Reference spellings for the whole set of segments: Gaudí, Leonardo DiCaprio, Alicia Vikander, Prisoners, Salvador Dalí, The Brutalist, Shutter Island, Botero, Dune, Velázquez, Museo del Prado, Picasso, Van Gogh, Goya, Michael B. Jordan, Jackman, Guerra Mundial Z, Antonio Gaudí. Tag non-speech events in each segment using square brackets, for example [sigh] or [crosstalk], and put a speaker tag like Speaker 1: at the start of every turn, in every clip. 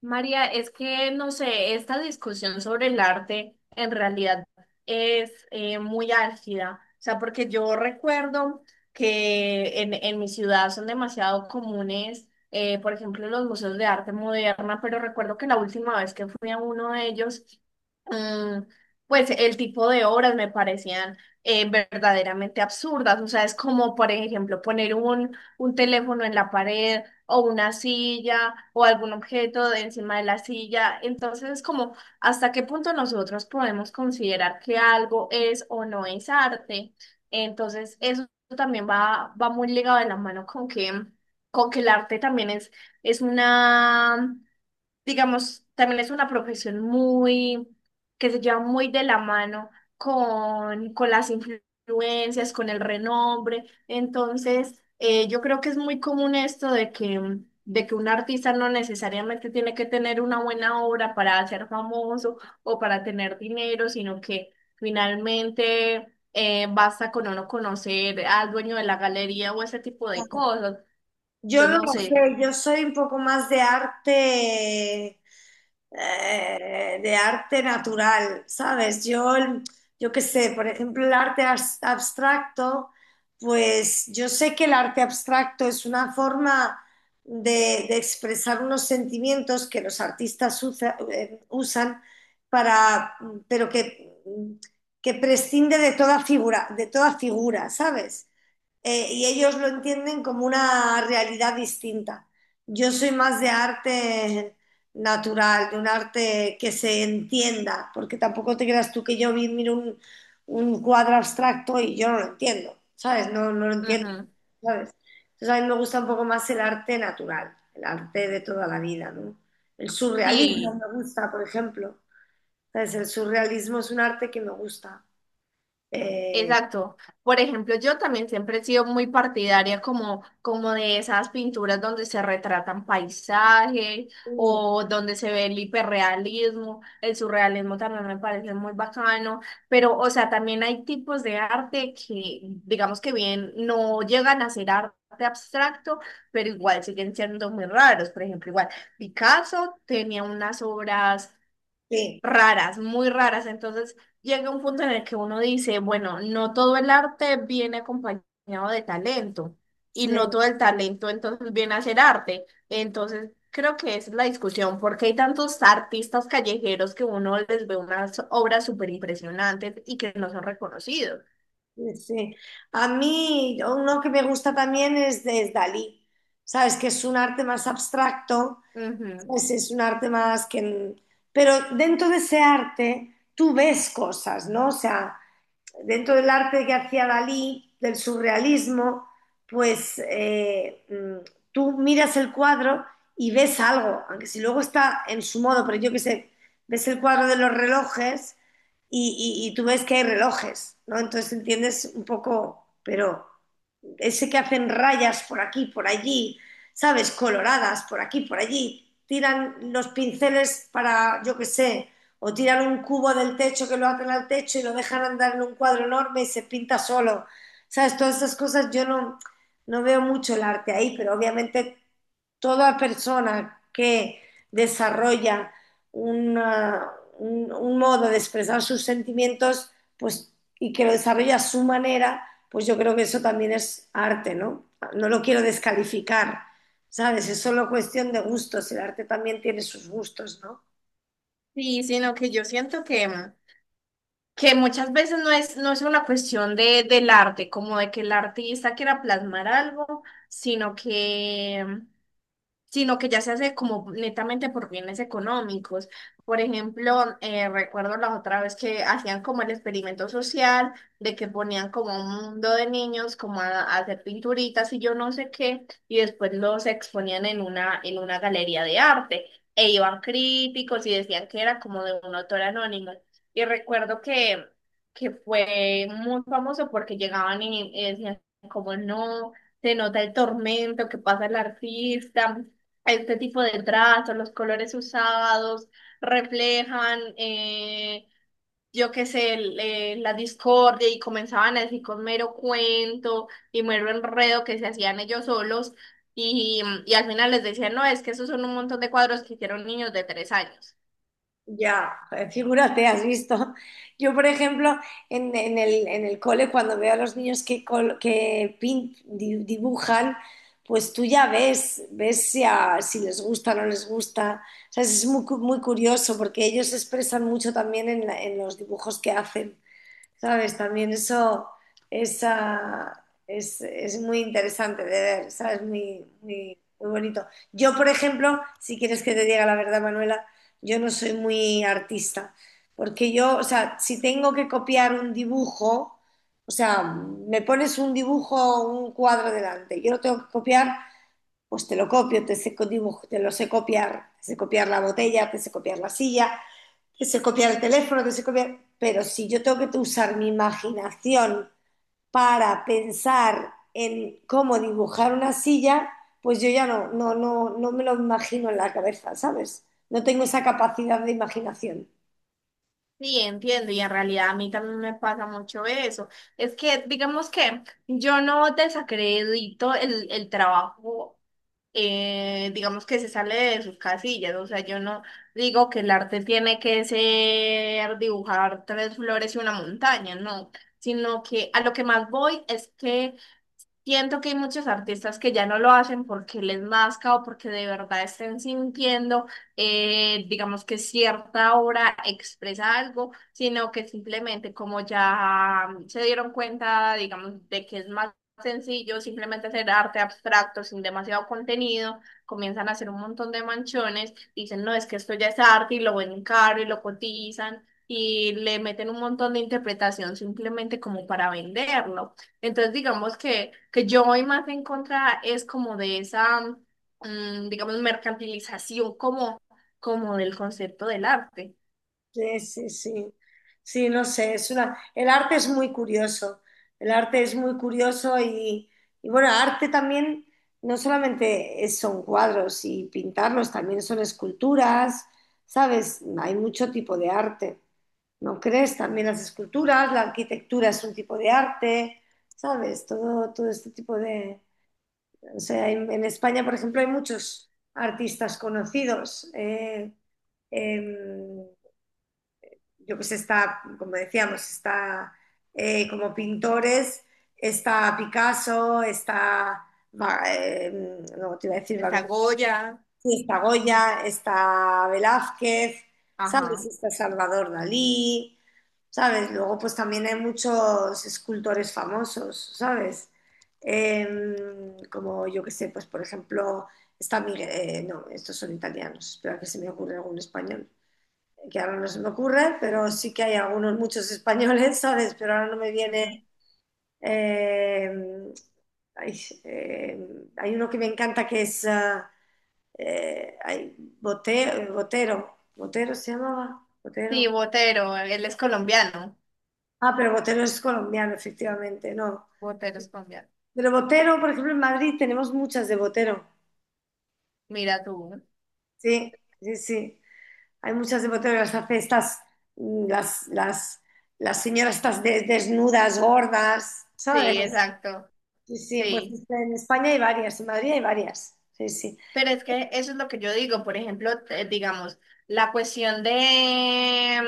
Speaker 1: María, es que, no sé, esta discusión sobre el arte en realidad es muy álgida. O sea, porque yo recuerdo que en mi ciudad son demasiado comunes, por ejemplo, los museos de arte moderna, pero recuerdo que la última vez que fui a uno de ellos, mm, pues el tipo de obras me parecían verdaderamente absurdas. O sea, es como, por ejemplo, poner un teléfono en la pared o una silla o algún objeto de encima de la silla. Entonces, es como hasta qué punto nosotros podemos considerar que algo es o no es arte. Entonces, eso también va muy ligado de la mano con que el arte también es una digamos, también es una profesión muy, que se lleva muy de la mano con las influencias, con el renombre. Entonces, yo creo que es muy común esto de que un artista no necesariamente tiene que tener una buena obra para ser famoso o para tener dinero, sino que finalmente, basta con uno conocer al dueño de la galería o ese tipo de cosas.
Speaker 2: Yo
Speaker 1: Entonces,
Speaker 2: no
Speaker 1: no
Speaker 2: lo
Speaker 1: sé.
Speaker 2: sé, yo soy un poco más de arte natural, ¿sabes? Yo, yo qué sé, por ejemplo, el arte abstracto, pues yo sé que el arte abstracto es una forma de expresar unos sentimientos que los artistas usan para, pero que prescinde de toda figura, ¿sabes? Y ellos lo entienden como una realidad distinta. Yo soy más de arte natural, de un arte que se entienda, porque tampoco te creas tú que yo miro un cuadro abstracto y yo no lo entiendo, ¿sabes? No, no lo entiendo,
Speaker 1: Ujú.
Speaker 2: ¿sabes? Entonces a mí me gusta un poco más el arte natural, el arte de toda la vida, ¿no? El surrealismo
Speaker 1: Sí.
Speaker 2: me gusta, por ejemplo. ¿Sabes? El surrealismo es un arte que me gusta. Eh,
Speaker 1: Exacto. Por ejemplo, yo también siempre he sido muy partidaria como de esas pinturas donde se retratan paisajes
Speaker 2: sí,
Speaker 1: o donde se ve el hiperrealismo, el surrealismo también me parece muy bacano, pero o sea, también hay tipos de arte que digamos que bien no llegan a ser arte abstracto, pero igual siguen siendo muy raros. Por ejemplo, igual Picasso tenía unas obras
Speaker 2: sí.
Speaker 1: raras, muy raras. Entonces llega un punto en el que uno dice, bueno, no todo el arte viene acompañado de talento y
Speaker 2: Sí.
Speaker 1: no todo el talento entonces viene a ser arte. Entonces creo que esa es la discusión, porque hay tantos artistas callejeros que uno les ve unas obras súper impresionantes y que no son reconocidos.
Speaker 2: Sí, sí. A mí uno que me gusta también es Dalí, ¿sabes? Que es un arte más abstracto,
Speaker 1: Ujú.
Speaker 2: ¿sabes? Es un arte más que... Pero dentro de ese arte tú ves cosas, ¿no? O sea, dentro del arte que hacía Dalí, del surrealismo, pues tú miras el cuadro y ves algo, aunque si luego está en su modo, pero yo qué sé, ves el cuadro de los relojes y tú ves que hay relojes, ¿no? Entonces entiendes un poco, pero ese que hacen rayas por aquí, por allí, ¿sabes? Coloradas por aquí, por allí, tiran los pinceles para, yo qué sé, o tiran un cubo del techo que lo atan al techo y lo dejan andar en un cuadro enorme y se pinta solo. ¿Sabes? Todas esas cosas yo no, no veo mucho el arte ahí, pero obviamente toda persona que desarrolla una- un modo de expresar sus sentimientos, pues, y que lo desarrolla a su manera, pues yo creo que eso también es arte, ¿no? No lo quiero descalificar, ¿sabes? Es solo cuestión de gustos, el arte también tiene sus gustos, ¿no?
Speaker 1: Sí, sino que yo siento que muchas veces no es una cuestión de, del arte, como de que el artista quiera plasmar algo, sino que sino que ya se hace como netamente por bienes económicos. Por ejemplo, recuerdo la otra vez que hacían como el experimento social de que ponían como un mundo de niños como a hacer pinturitas y yo no sé qué, y después los exponían en una galería de arte e iban críticos y decían que era como de un autor anónimo. Y recuerdo que fue muy famoso porque llegaban y decían como no se nota el tormento que pasa el artista, este tipo de trazos, los colores usados reflejan, yo qué sé, la discordia y comenzaban a decir con mero cuento y mero enredo que se hacían ellos solos y al final les decían, no, es que esos son un montón de cuadros que hicieron niños de 3 años.
Speaker 2: Ya, figúrate, has visto. Yo, por ejemplo, en el cole, cuando veo a los niños que dibujan, pues tú ya ves, ves si les gusta o no les gusta. O sea, es muy curioso porque ellos se expresan mucho también en los dibujos que hacen. ¿Sabes? También eso es muy interesante de ver, ¿sabes? Muy, muy, muy bonito. Yo, por ejemplo, si quieres que te diga la verdad, Manuela, yo no soy muy artista, porque yo, o sea, si tengo que copiar un dibujo, o sea, me pones un dibujo, un cuadro delante, yo lo tengo que copiar, pues te lo copio, te sé, te lo sé copiar, te sé copiar la botella, te sé copiar la silla, que se copiar el teléfono, que se copiar. Pero si yo tengo que usar mi imaginación para pensar en cómo dibujar una silla, pues yo ya no, no, no, no me lo imagino en la cabeza, ¿sabes? No tengo esa capacidad de imaginación.
Speaker 1: Sí, entiendo, y en realidad a mí también me pasa mucho eso. Es que, digamos que yo no desacredito el trabajo digamos que se sale de sus casillas, o sea, yo no digo que el arte tiene que ser dibujar tres flores y una montaña, no, sino que a lo que más voy es que siento que hay muchos artistas que ya no lo hacen porque les nazca o porque de verdad estén sintiendo, digamos que cierta obra expresa algo, sino que simplemente como ya se dieron cuenta, digamos, de que es más sencillo simplemente hacer arte abstracto sin demasiado contenido, comienzan a hacer un montón de manchones, dicen, no, es que esto ya es arte y lo ven caro y lo cotizan. Y le meten un montón de interpretación simplemente como para venderlo. Entonces, digamos que yo voy más en contra es como de esa, digamos, mercantilización como del concepto del arte.
Speaker 2: Sí, sí, sí. Sí, no sé, es una... El arte es muy curioso. El arte es muy curioso y bueno, arte también no solamente son cuadros y pintarlos, también son esculturas, ¿sabes? Hay mucho tipo de arte. ¿No crees? También las esculturas, la arquitectura es un tipo de arte, ¿sabes? Todo, todo este tipo de... O sea, en España, por ejemplo, hay muchos artistas conocidos. Em, yo pues está, como decíamos, está como pintores, está Picasso, está, Va- eh, no te iba a decir Van
Speaker 1: Está
Speaker 2: Gogh,
Speaker 1: Goya.
Speaker 2: sí, está
Speaker 1: Mm.
Speaker 2: Goya, está Velázquez, ¿sabes?
Speaker 1: Ajá.
Speaker 2: Está Salvador Dalí, ¿sabes? Luego pues también hay muchos escultores famosos, ¿sabes? Em, Como yo que sé, pues por ejemplo, está Miguel, no, estos son italianos, espera que se me ocurre algún español que ahora no se me ocurre, pero sí que hay algunos, muchos españoles, [laughs] ¿sabes? Pero ahora no me viene...
Speaker 1: Ujú.
Speaker 2: eh, ay, eh, Hay uno que me encanta que es... eh, ay, Botero. ¿Botero se llamaba?
Speaker 1: Sí,
Speaker 2: Botero.
Speaker 1: Botero, él es colombiano.
Speaker 2: Ah, pero Botero es colombiano, efectivamente, no.
Speaker 1: Botero es colombiano.
Speaker 2: Pero Botero, por ejemplo, en Madrid tenemos muchas de Botero.
Speaker 1: Mira tú.
Speaker 2: Sí, sí, sí. Hay muchas de Botero, las hace estas, mm, las, las, las señoras estas desnudas, gordas, ¿sabes?
Speaker 1: Sí, exacto.
Speaker 2: Sí, sí, pues
Speaker 1: Sí.
Speaker 2: este, en España hay varias, en Madrid hay varias. Sí, sí.
Speaker 1: Pero es que eso es lo que yo digo. Por ejemplo, digamos, la cuestión de,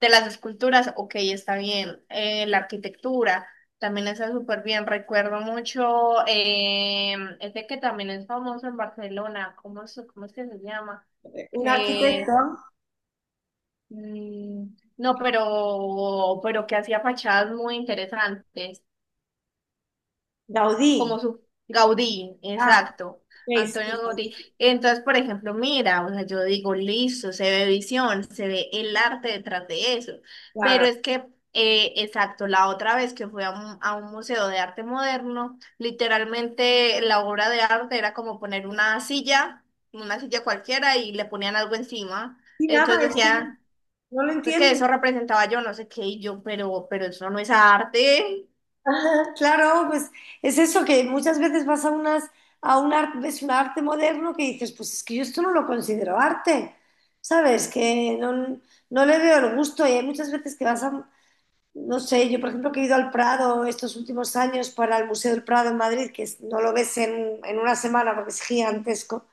Speaker 1: de las esculturas, ok, está bien. La arquitectura también está súper bien. Recuerdo mucho este que también es famoso en Barcelona, ¿cómo es que se llama?
Speaker 2: Un arquitecto,
Speaker 1: Que mm, no, pero que hacía fachadas muy interesantes. Como
Speaker 2: Gaudí.
Speaker 1: su Gaudí,
Speaker 2: Ah,
Speaker 1: exacto,
Speaker 2: ok, sí,
Speaker 1: Antonio
Speaker 2: Gaudí,
Speaker 1: Gaudí. Entonces, por ejemplo, mira, o sea, yo digo, listo, se ve visión, se ve el arte detrás de eso,
Speaker 2: claro.
Speaker 1: pero es que, exacto, la otra vez que fui a un museo de arte moderno, literalmente la obra de arte era como poner una silla cualquiera y le ponían algo encima,
Speaker 2: Y nada,
Speaker 1: entonces
Speaker 2: es que
Speaker 1: decía
Speaker 2: no lo
Speaker 1: que
Speaker 2: entiendo.
Speaker 1: eso
Speaker 2: [laughs]
Speaker 1: representaba yo no sé qué y yo, pero eso no es arte.
Speaker 2: Ajá, claro, pues es eso que muchas veces vas a unas a un arte, ves un arte moderno que dices, pues es que yo esto no lo considero arte, ¿sabes? Que no, no le veo el gusto y hay muchas veces que vas a, no sé, yo por ejemplo que he ido al Prado estos últimos años para el Museo del Prado en Madrid, que no lo ves en una semana porque es gigantesco,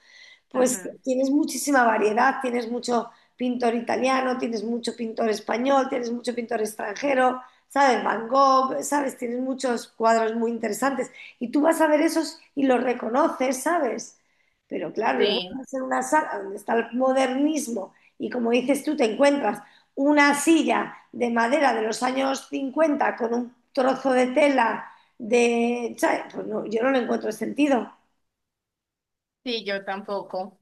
Speaker 2: pues
Speaker 1: Ujú.
Speaker 2: tienes muchísima variedad, tienes mucho pintor italiano, tienes mucho pintor español, tienes mucho pintor extranjero, ¿sabes? Van Gogh, ¿sabes? Tienes muchos cuadros muy interesantes y tú vas a ver esos y los reconoces, ¿sabes? Pero claro, luego vas a
Speaker 1: Sí,
Speaker 2: hacer una sala donde está el modernismo y como dices tú, te encuentras una silla de madera de los años 50 con un trozo de tela de... ¿sabes? Pues no, yo no le encuentro sentido.
Speaker 1: sí, yo tampoco.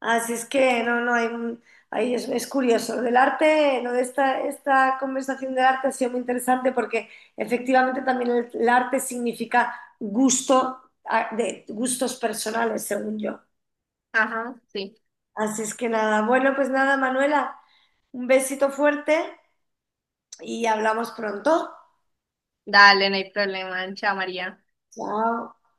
Speaker 2: Así es que no, no, hay ahí es curioso. Lo del arte, lo de esta conversación del arte ha sido muy interesante porque efectivamente también el arte significa gusto, de gustos personales, según yo.
Speaker 1: Ajá, sí.
Speaker 2: Así es que nada, bueno, pues nada, Manuela, un besito fuerte y hablamos pronto.
Speaker 1: Dale, no hay problema. Chao, María.
Speaker 2: Chao.